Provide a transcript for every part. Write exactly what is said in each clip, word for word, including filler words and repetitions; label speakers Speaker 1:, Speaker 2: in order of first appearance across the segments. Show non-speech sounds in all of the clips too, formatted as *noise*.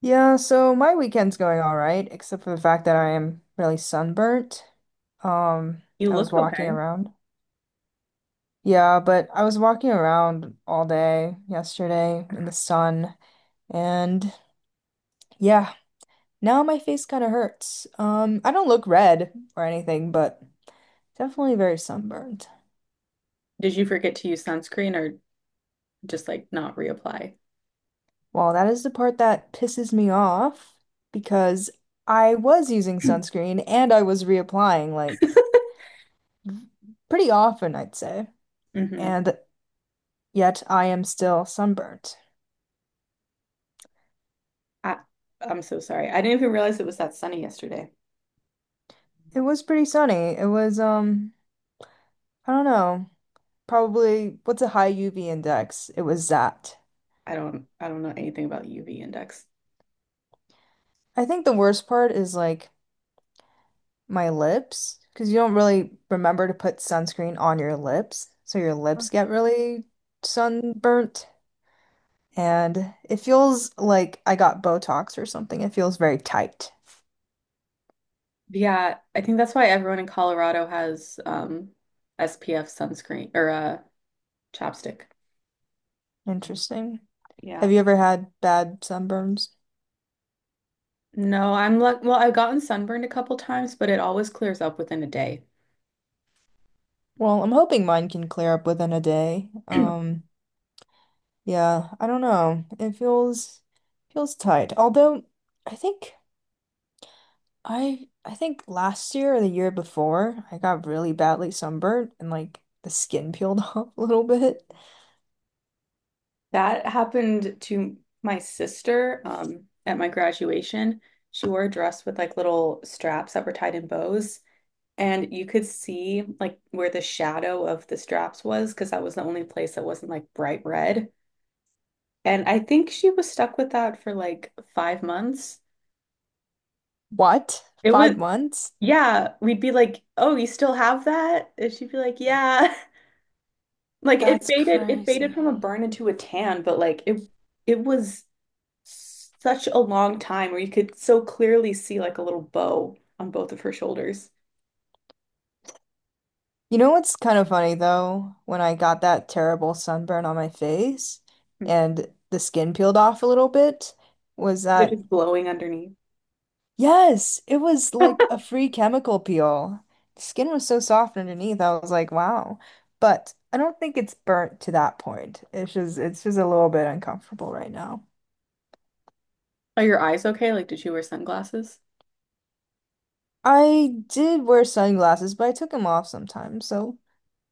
Speaker 1: Yeah, so my weekend's going all right, except for the fact that I am really sunburnt. Um,
Speaker 2: You
Speaker 1: I was
Speaker 2: look
Speaker 1: walking
Speaker 2: okay.
Speaker 1: around. Yeah, but I was walking around all day yesterday in the sun, and yeah, now my face kind of hurts. Um, I don't look red or anything, but definitely very sunburned.
Speaker 2: Did you forget to use sunscreen or just like not reapply? *clears throat*
Speaker 1: Well, that is the part that pisses me off because I was using
Speaker 2: *laughs*
Speaker 1: sunscreen and I was reapplying like pretty often, I'd say.
Speaker 2: hmm
Speaker 1: And yet I am still sunburnt.
Speaker 2: I, I'm so sorry. I didn't even realize it was that sunny yesterday.
Speaker 1: It was pretty sunny. It was, um, I don't know, probably what's a high U V index? It was that.
Speaker 2: I don't I don't know anything about U V index.
Speaker 1: I think the worst part is like my lips, because you don't really remember to put sunscreen on your lips, so your
Speaker 2: Oh.
Speaker 1: lips get really sunburnt. And it feels like I got Botox or something. It feels very tight.
Speaker 2: Yeah, I think that's why everyone in Colorado has um S P F sunscreen or uh chapstick.
Speaker 1: Interesting.
Speaker 2: Yeah.
Speaker 1: Have you ever had bad sunburns?
Speaker 2: No, I'm like, well, I've gotten sunburned a couple times, but it always clears up within a day.
Speaker 1: Well, I'm hoping mine can clear up within a day.
Speaker 2: *clears throat*
Speaker 1: Um, Yeah, I don't know. It feels feels tight. Although I think I I think last year or the year before, I got really badly sunburned and like the skin peeled *laughs* off a little bit.
Speaker 2: That happened to my sister um, at my graduation. She wore a dress with like little straps that were tied in bows, and you could see like where the shadow of the straps was because that was the only place that wasn't like bright red. And I think she was stuck with that for like five months.
Speaker 1: What?
Speaker 2: It was,
Speaker 1: Five months?
Speaker 2: yeah, we'd be like, "Oh, you still have that?" And she'd be like, "Yeah." *laughs* Like it
Speaker 1: That's
Speaker 2: faded, it faded
Speaker 1: crazy.
Speaker 2: from a burn into a tan, but like it, it was such a long time where you could so clearly see like a little bow on both of her shoulders.
Speaker 1: You know what's kind of funny though? When I got that terrible sunburn on my face
Speaker 2: Hmm.
Speaker 1: and the skin peeled off a little bit, was
Speaker 2: They're
Speaker 1: that
Speaker 2: just glowing underneath.
Speaker 1: Yes, it was
Speaker 2: *laughs* Are
Speaker 1: like a free chemical peel. Skin was so soft underneath. I was like, wow. But I don't think it's burnt to that point. It's just it's just a little bit uncomfortable right now.
Speaker 2: your eyes okay? Like, did you wear sunglasses?
Speaker 1: I did wear sunglasses, but I took them off sometimes, so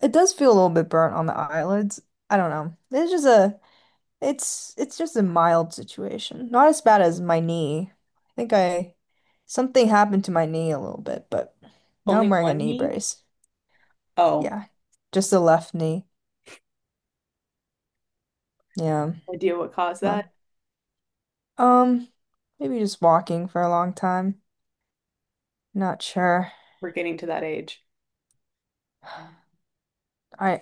Speaker 1: it does feel a little bit burnt on the eyelids. I don't know. It's just a it's it's just a mild situation. Not as bad as my knee. I think I something happened to my knee a little bit, but now
Speaker 2: Only
Speaker 1: I'm wearing a
Speaker 2: one
Speaker 1: knee
Speaker 2: knee?
Speaker 1: brace.
Speaker 2: Oh,
Speaker 1: Yeah, just the left knee. Yeah,
Speaker 2: no idea what caused
Speaker 1: not
Speaker 2: that?
Speaker 1: um, maybe just walking for a long time. Not sure.
Speaker 2: We're getting to that age.
Speaker 1: I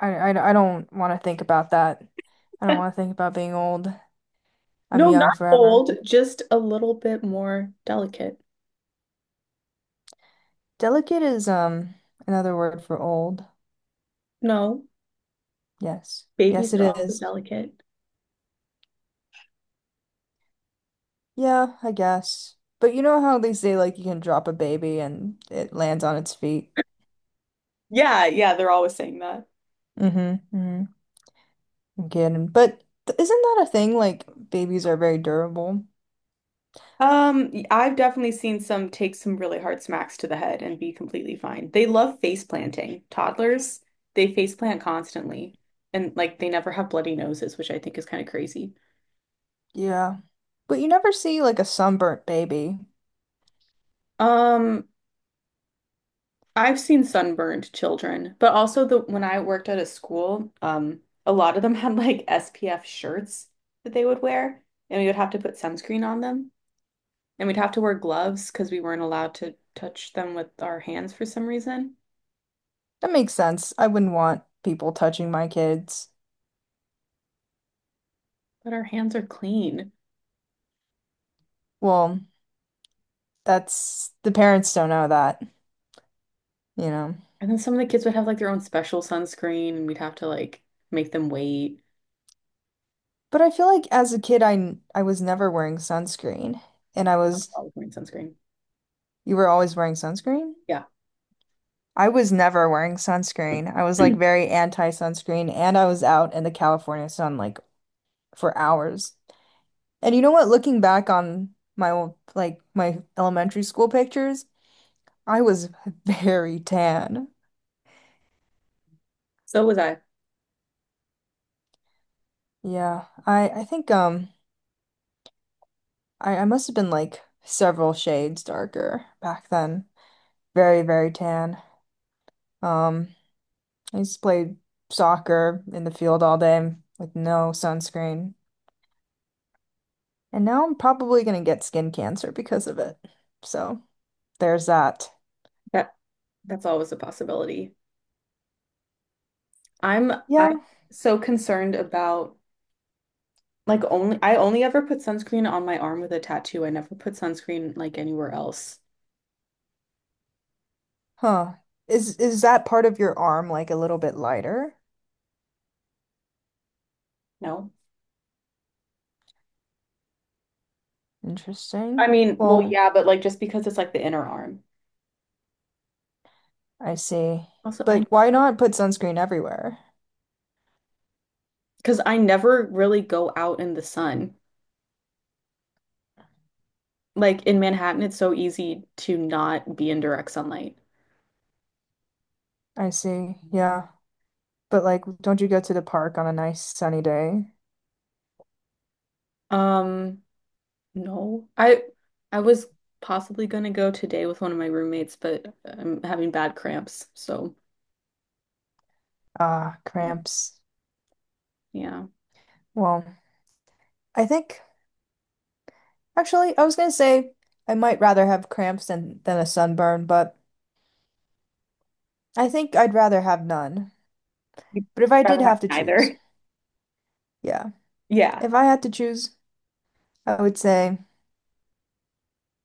Speaker 1: I I, I don't want to think about that. I don't want
Speaker 2: *laughs*
Speaker 1: to think about being old. I'm
Speaker 2: No,
Speaker 1: young
Speaker 2: not
Speaker 1: forever.
Speaker 2: old, just a little bit more delicate.
Speaker 1: Delicate is um another word for old.
Speaker 2: No,
Speaker 1: Yes. Yes,
Speaker 2: babies
Speaker 1: it
Speaker 2: are also
Speaker 1: is.
Speaker 2: delicate.
Speaker 1: Yeah, I guess. But you know how they say like you can drop a baby and it lands on its feet.
Speaker 2: Yeah, yeah, they're always saying that.
Speaker 1: Mm-hmm. Mm-hmm. i But th- isn't that a thing? Like babies are very durable.
Speaker 2: Um, y- I've definitely seen some take some really hard smacks to the head and be completely fine. They love face planting. Toddlers, they face plant constantly and like they never have bloody noses, which I think is kind of crazy.
Speaker 1: Yeah. But you never see like a sunburnt baby.
Speaker 2: Um, I've seen sunburned children, but also the when I worked at a school, um, a lot of them *laughs* had like S P F shirts that they would wear, and we would have to put sunscreen on them, and we'd have to wear gloves because we weren't allowed to touch them with our hands for some reason.
Speaker 1: That makes sense. I wouldn't want people touching my kids.
Speaker 2: But our hands are clean.
Speaker 1: Well, that's the parents don't know that, you know.
Speaker 2: And then some of the kids would have like their own special sunscreen, and we'd have to like make them wait
Speaker 1: But I feel like as a kid, I n- I was never wearing sunscreen, and I was
Speaker 2: while wearing sunscreen.
Speaker 1: you were always wearing sunscreen?
Speaker 2: Yeah.
Speaker 1: I was never wearing sunscreen. I was like
Speaker 2: *clears throat*
Speaker 1: very anti-sunscreen, and I was out in the California sun like for hours. And you know what? Looking back on my old like my elementary school pictures, I was *laughs* very tan.
Speaker 2: So was I.
Speaker 1: Yeah, I I think um I I must have been like several shades darker back then. Very, very tan. Um, I used to play soccer in the field all day with no sunscreen. And now I'm probably gonna get skin cancer because of it. So there's that.
Speaker 2: That that's always a possibility. I'm
Speaker 1: Yeah.
Speaker 2: I'm so concerned about like only I only ever put sunscreen on my arm with a tattoo. I never put sunscreen like anywhere else.
Speaker 1: Huh. Is is that part of your arm like a little bit lighter?
Speaker 2: No. I
Speaker 1: Interesting.
Speaker 2: mean, well,
Speaker 1: Well,
Speaker 2: yeah, but like just because it's like the inner arm.
Speaker 1: I see.
Speaker 2: Also, I
Speaker 1: But why not put sunscreen everywhere?
Speaker 2: because I never really go out in the sun. Like in Manhattan, it's so easy to not be in direct sunlight.
Speaker 1: I see. Yeah. But like, don't you go to the park on a nice sunny day?
Speaker 2: Um, No, I I was possibly gonna go today with one of my roommates, but I'm having bad cramps, so
Speaker 1: Ah, cramps.
Speaker 2: yeah.
Speaker 1: Well, I think actually, I was gonna say I might rather have cramps than than a sunburn, but I think I'd rather have none.
Speaker 2: You'd
Speaker 1: But if I
Speaker 2: rather
Speaker 1: did
Speaker 2: have
Speaker 1: have to choose,
Speaker 2: neither. *laughs*
Speaker 1: yeah,
Speaker 2: Yeah.
Speaker 1: if I had to choose, I would say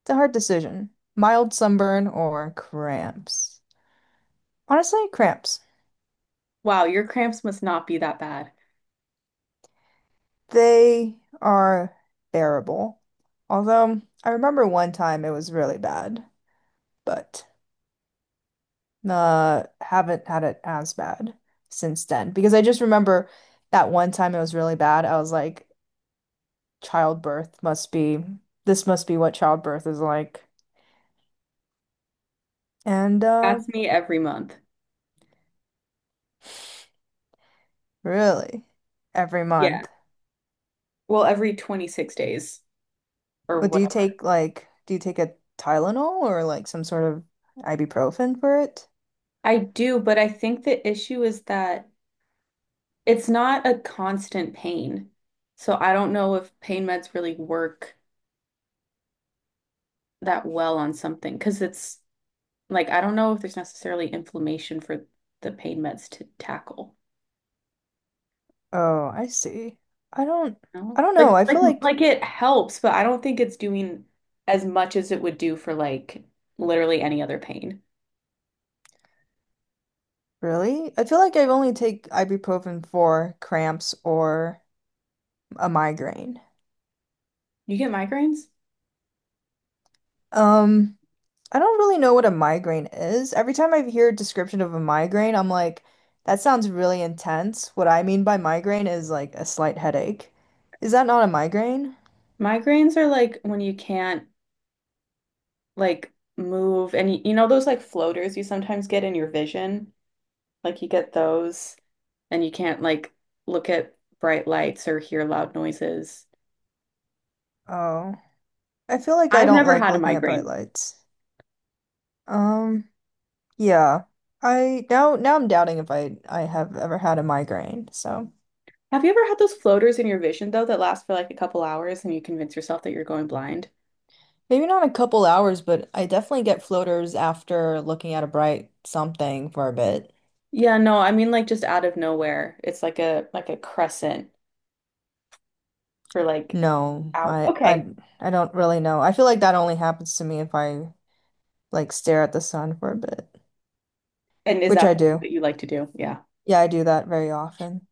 Speaker 1: it's a hard decision. Mild sunburn or cramps. Honestly, cramps.
Speaker 2: Wow, your cramps must not be that bad.
Speaker 1: They are bearable. Although I remember one time it was really bad, but. Uh, haven't had it as bad since then because I just remember that one time it was really bad. I was like, childbirth must be, this must be what childbirth is like. And uh,
Speaker 2: That's me every month.
Speaker 1: really, every
Speaker 2: Yeah.
Speaker 1: month.
Speaker 2: Well, every twenty-six days or
Speaker 1: But do you
Speaker 2: whatever.
Speaker 1: take like, do you take a Tylenol or like some sort of ibuprofen for it?
Speaker 2: I do, but I think the issue is that it's not a constant pain. So I don't know if pain meds really work that well on something because it's like I don't know if there's necessarily inflammation for the pain meds to tackle.
Speaker 1: Oh, I see. I don't,
Speaker 2: No?
Speaker 1: I don't know.
Speaker 2: Like
Speaker 1: I
Speaker 2: like
Speaker 1: feel like.
Speaker 2: like it helps, but I don't think it's doing as much as it would do for like literally any other pain.
Speaker 1: Really? I feel like I only take ibuprofen for cramps or a migraine.
Speaker 2: You get migraines?
Speaker 1: Um, I don't really know what a migraine is. Every time I hear a description of a migraine, I'm like, that sounds really intense. What I mean by migraine is like a slight headache. Is that not a migraine?
Speaker 2: Migraines are like when you can't like move and you, you know those like floaters you sometimes get in your vision? Like you get those and you can't like look at bright lights or hear loud noises.
Speaker 1: Oh, I feel like I
Speaker 2: I've
Speaker 1: don't
Speaker 2: never
Speaker 1: like
Speaker 2: had a
Speaker 1: looking at bright
Speaker 2: migraine.
Speaker 1: lights. Um, yeah. I now now I'm doubting if I I have ever had a migraine, so.
Speaker 2: Have you ever had those floaters in your vision, though, that last for like a couple hours and you convince yourself that you're going blind?
Speaker 1: Maybe not a couple hours, but I definitely get floaters after looking at a bright something for a bit.
Speaker 2: Yeah, no, I mean like just out of nowhere. It's like a like a crescent for like
Speaker 1: No,
Speaker 2: out.
Speaker 1: I I
Speaker 2: Okay.
Speaker 1: I don't really know. I feel like that only happens to me if I like stare at the sun for a bit,
Speaker 2: And is
Speaker 1: which
Speaker 2: that
Speaker 1: I
Speaker 2: something
Speaker 1: do.
Speaker 2: that you like to do? Yeah.
Speaker 1: Yeah, I do that very often.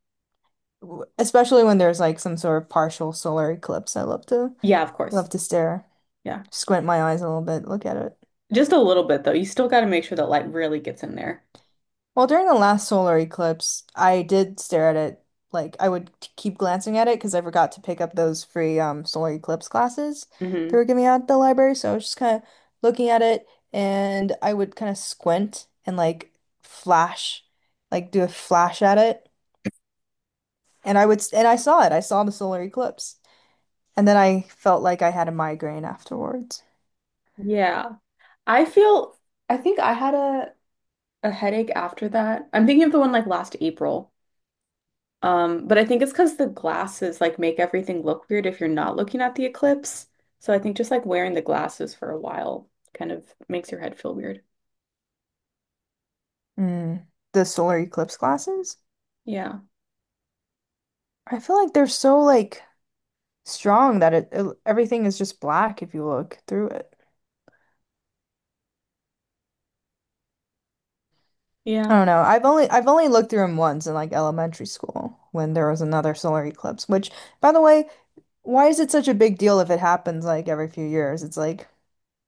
Speaker 1: W- Especially when there's like some sort of partial solar eclipse. I love to
Speaker 2: Yeah, of course.
Speaker 1: love to stare,
Speaker 2: Yeah.
Speaker 1: squint my eyes a little bit, look at it.
Speaker 2: Just a little bit though. You still got to make sure that light really gets in there.
Speaker 1: Well, during the last solar eclipse, I did stare at it. Like I would t- keep glancing at it because I forgot to pick up those free um solar eclipse classes they
Speaker 2: Hmm.
Speaker 1: were giving out at the library. So I was just kind of looking at it and I would kind of squint and like flash, like do a flash at it. And I would s- and I saw it. I saw the solar eclipse. And then I felt like I had a migraine afterwards.
Speaker 2: Yeah. I feel I think I had a a headache after that. I'm thinking of the one like last April. Um, but I think it's because the glasses like make everything look weird if you're not looking at the eclipse. So I think just like wearing the glasses for a while kind of makes your head feel weird.
Speaker 1: Mm, the solar eclipse glasses?
Speaker 2: Yeah.
Speaker 1: I feel like they're so like strong that it, it everything is just black if you look through it. I
Speaker 2: Yeah.
Speaker 1: don't know. I've only I've only looked through them once in like elementary school when there was another solar eclipse, which by the way, why is it such a big deal if it happens like every few years? It's like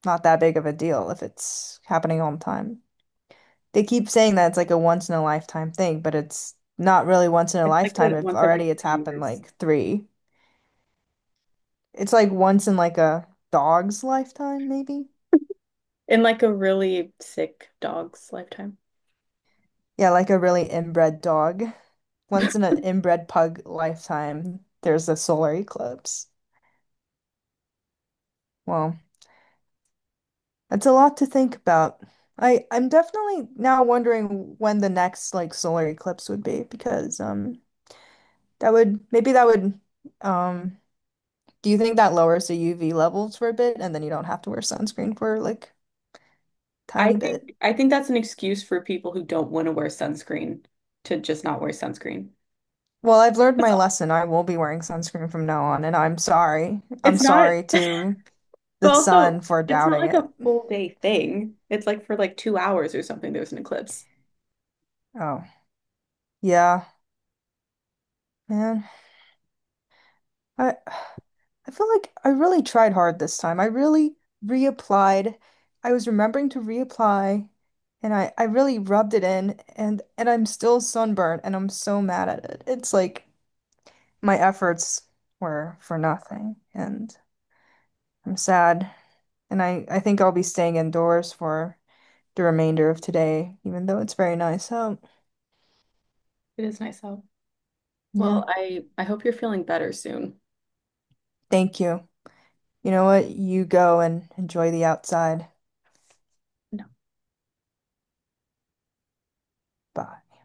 Speaker 1: not that big of a deal if it's happening all the time. They keep saying that it's like a once in a lifetime thing, but it's not really once in a
Speaker 2: It's like
Speaker 1: lifetime
Speaker 2: that
Speaker 1: if
Speaker 2: once every
Speaker 1: already it's
Speaker 2: three
Speaker 1: happened
Speaker 2: years.
Speaker 1: like three. It's like once in like a dog's lifetime, maybe?
Speaker 2: In like a really sick dog's lifetime.
Speaker 1: Yeah, like a really inbred dog. Once in an inbred pug lifetime, there's a solar eclipse. Well, that's a lot to think about. I I'm definitely now wondering when the next like solar eclipse would be because um that would maybe that would um Do you think that lowers the U V levels for a bit and then you don't have to wear sunscreen for like
Speaker 2: I
Speaker 1: tiny bit?
Speaker 2: think I think that's an excuse for people who don't want to wear sunscreen to just not wear sunscreen.
Speaker 1: Well, I've learned
Speaker 2: It's
Speaker 1: my lesson. I will be wearing sunscreen from now on, and I'm sorry. I'm
Speaker 2: it's not,
Speaker 1: sorry to
Speaker 2: but
Speaker 1: the sun
Speaker 2: also
Speaker 1: for
Speaker 2: it's not
Speaker 1: doubting
Speaker 2: like a
Speaker 1: it.
Speaker 2: full day thing. It's like for like two hours or something, there was an eclipse.
Speaker 1: Oh, yeah, man. I I feel like I really tried hard this time. I really reapplied. I was remembering to reapply, and I I really rubbed it in, and and I'm still sunburned, and I'm so mad at it. It's like my efforts were for nothing, and I'm sad, and I I think I'll be staying indoors for the remainder of today, even though it's very nice So
Speaker 2: It is nice though.
Speaker 1: Yeah.
Speaker 2: Well, I I hope you're feeling better soon.
Speaker 1: Thank you. You know what? You go and enjoy the outside.
Speaker 2: No.
Speaker 1: Bye.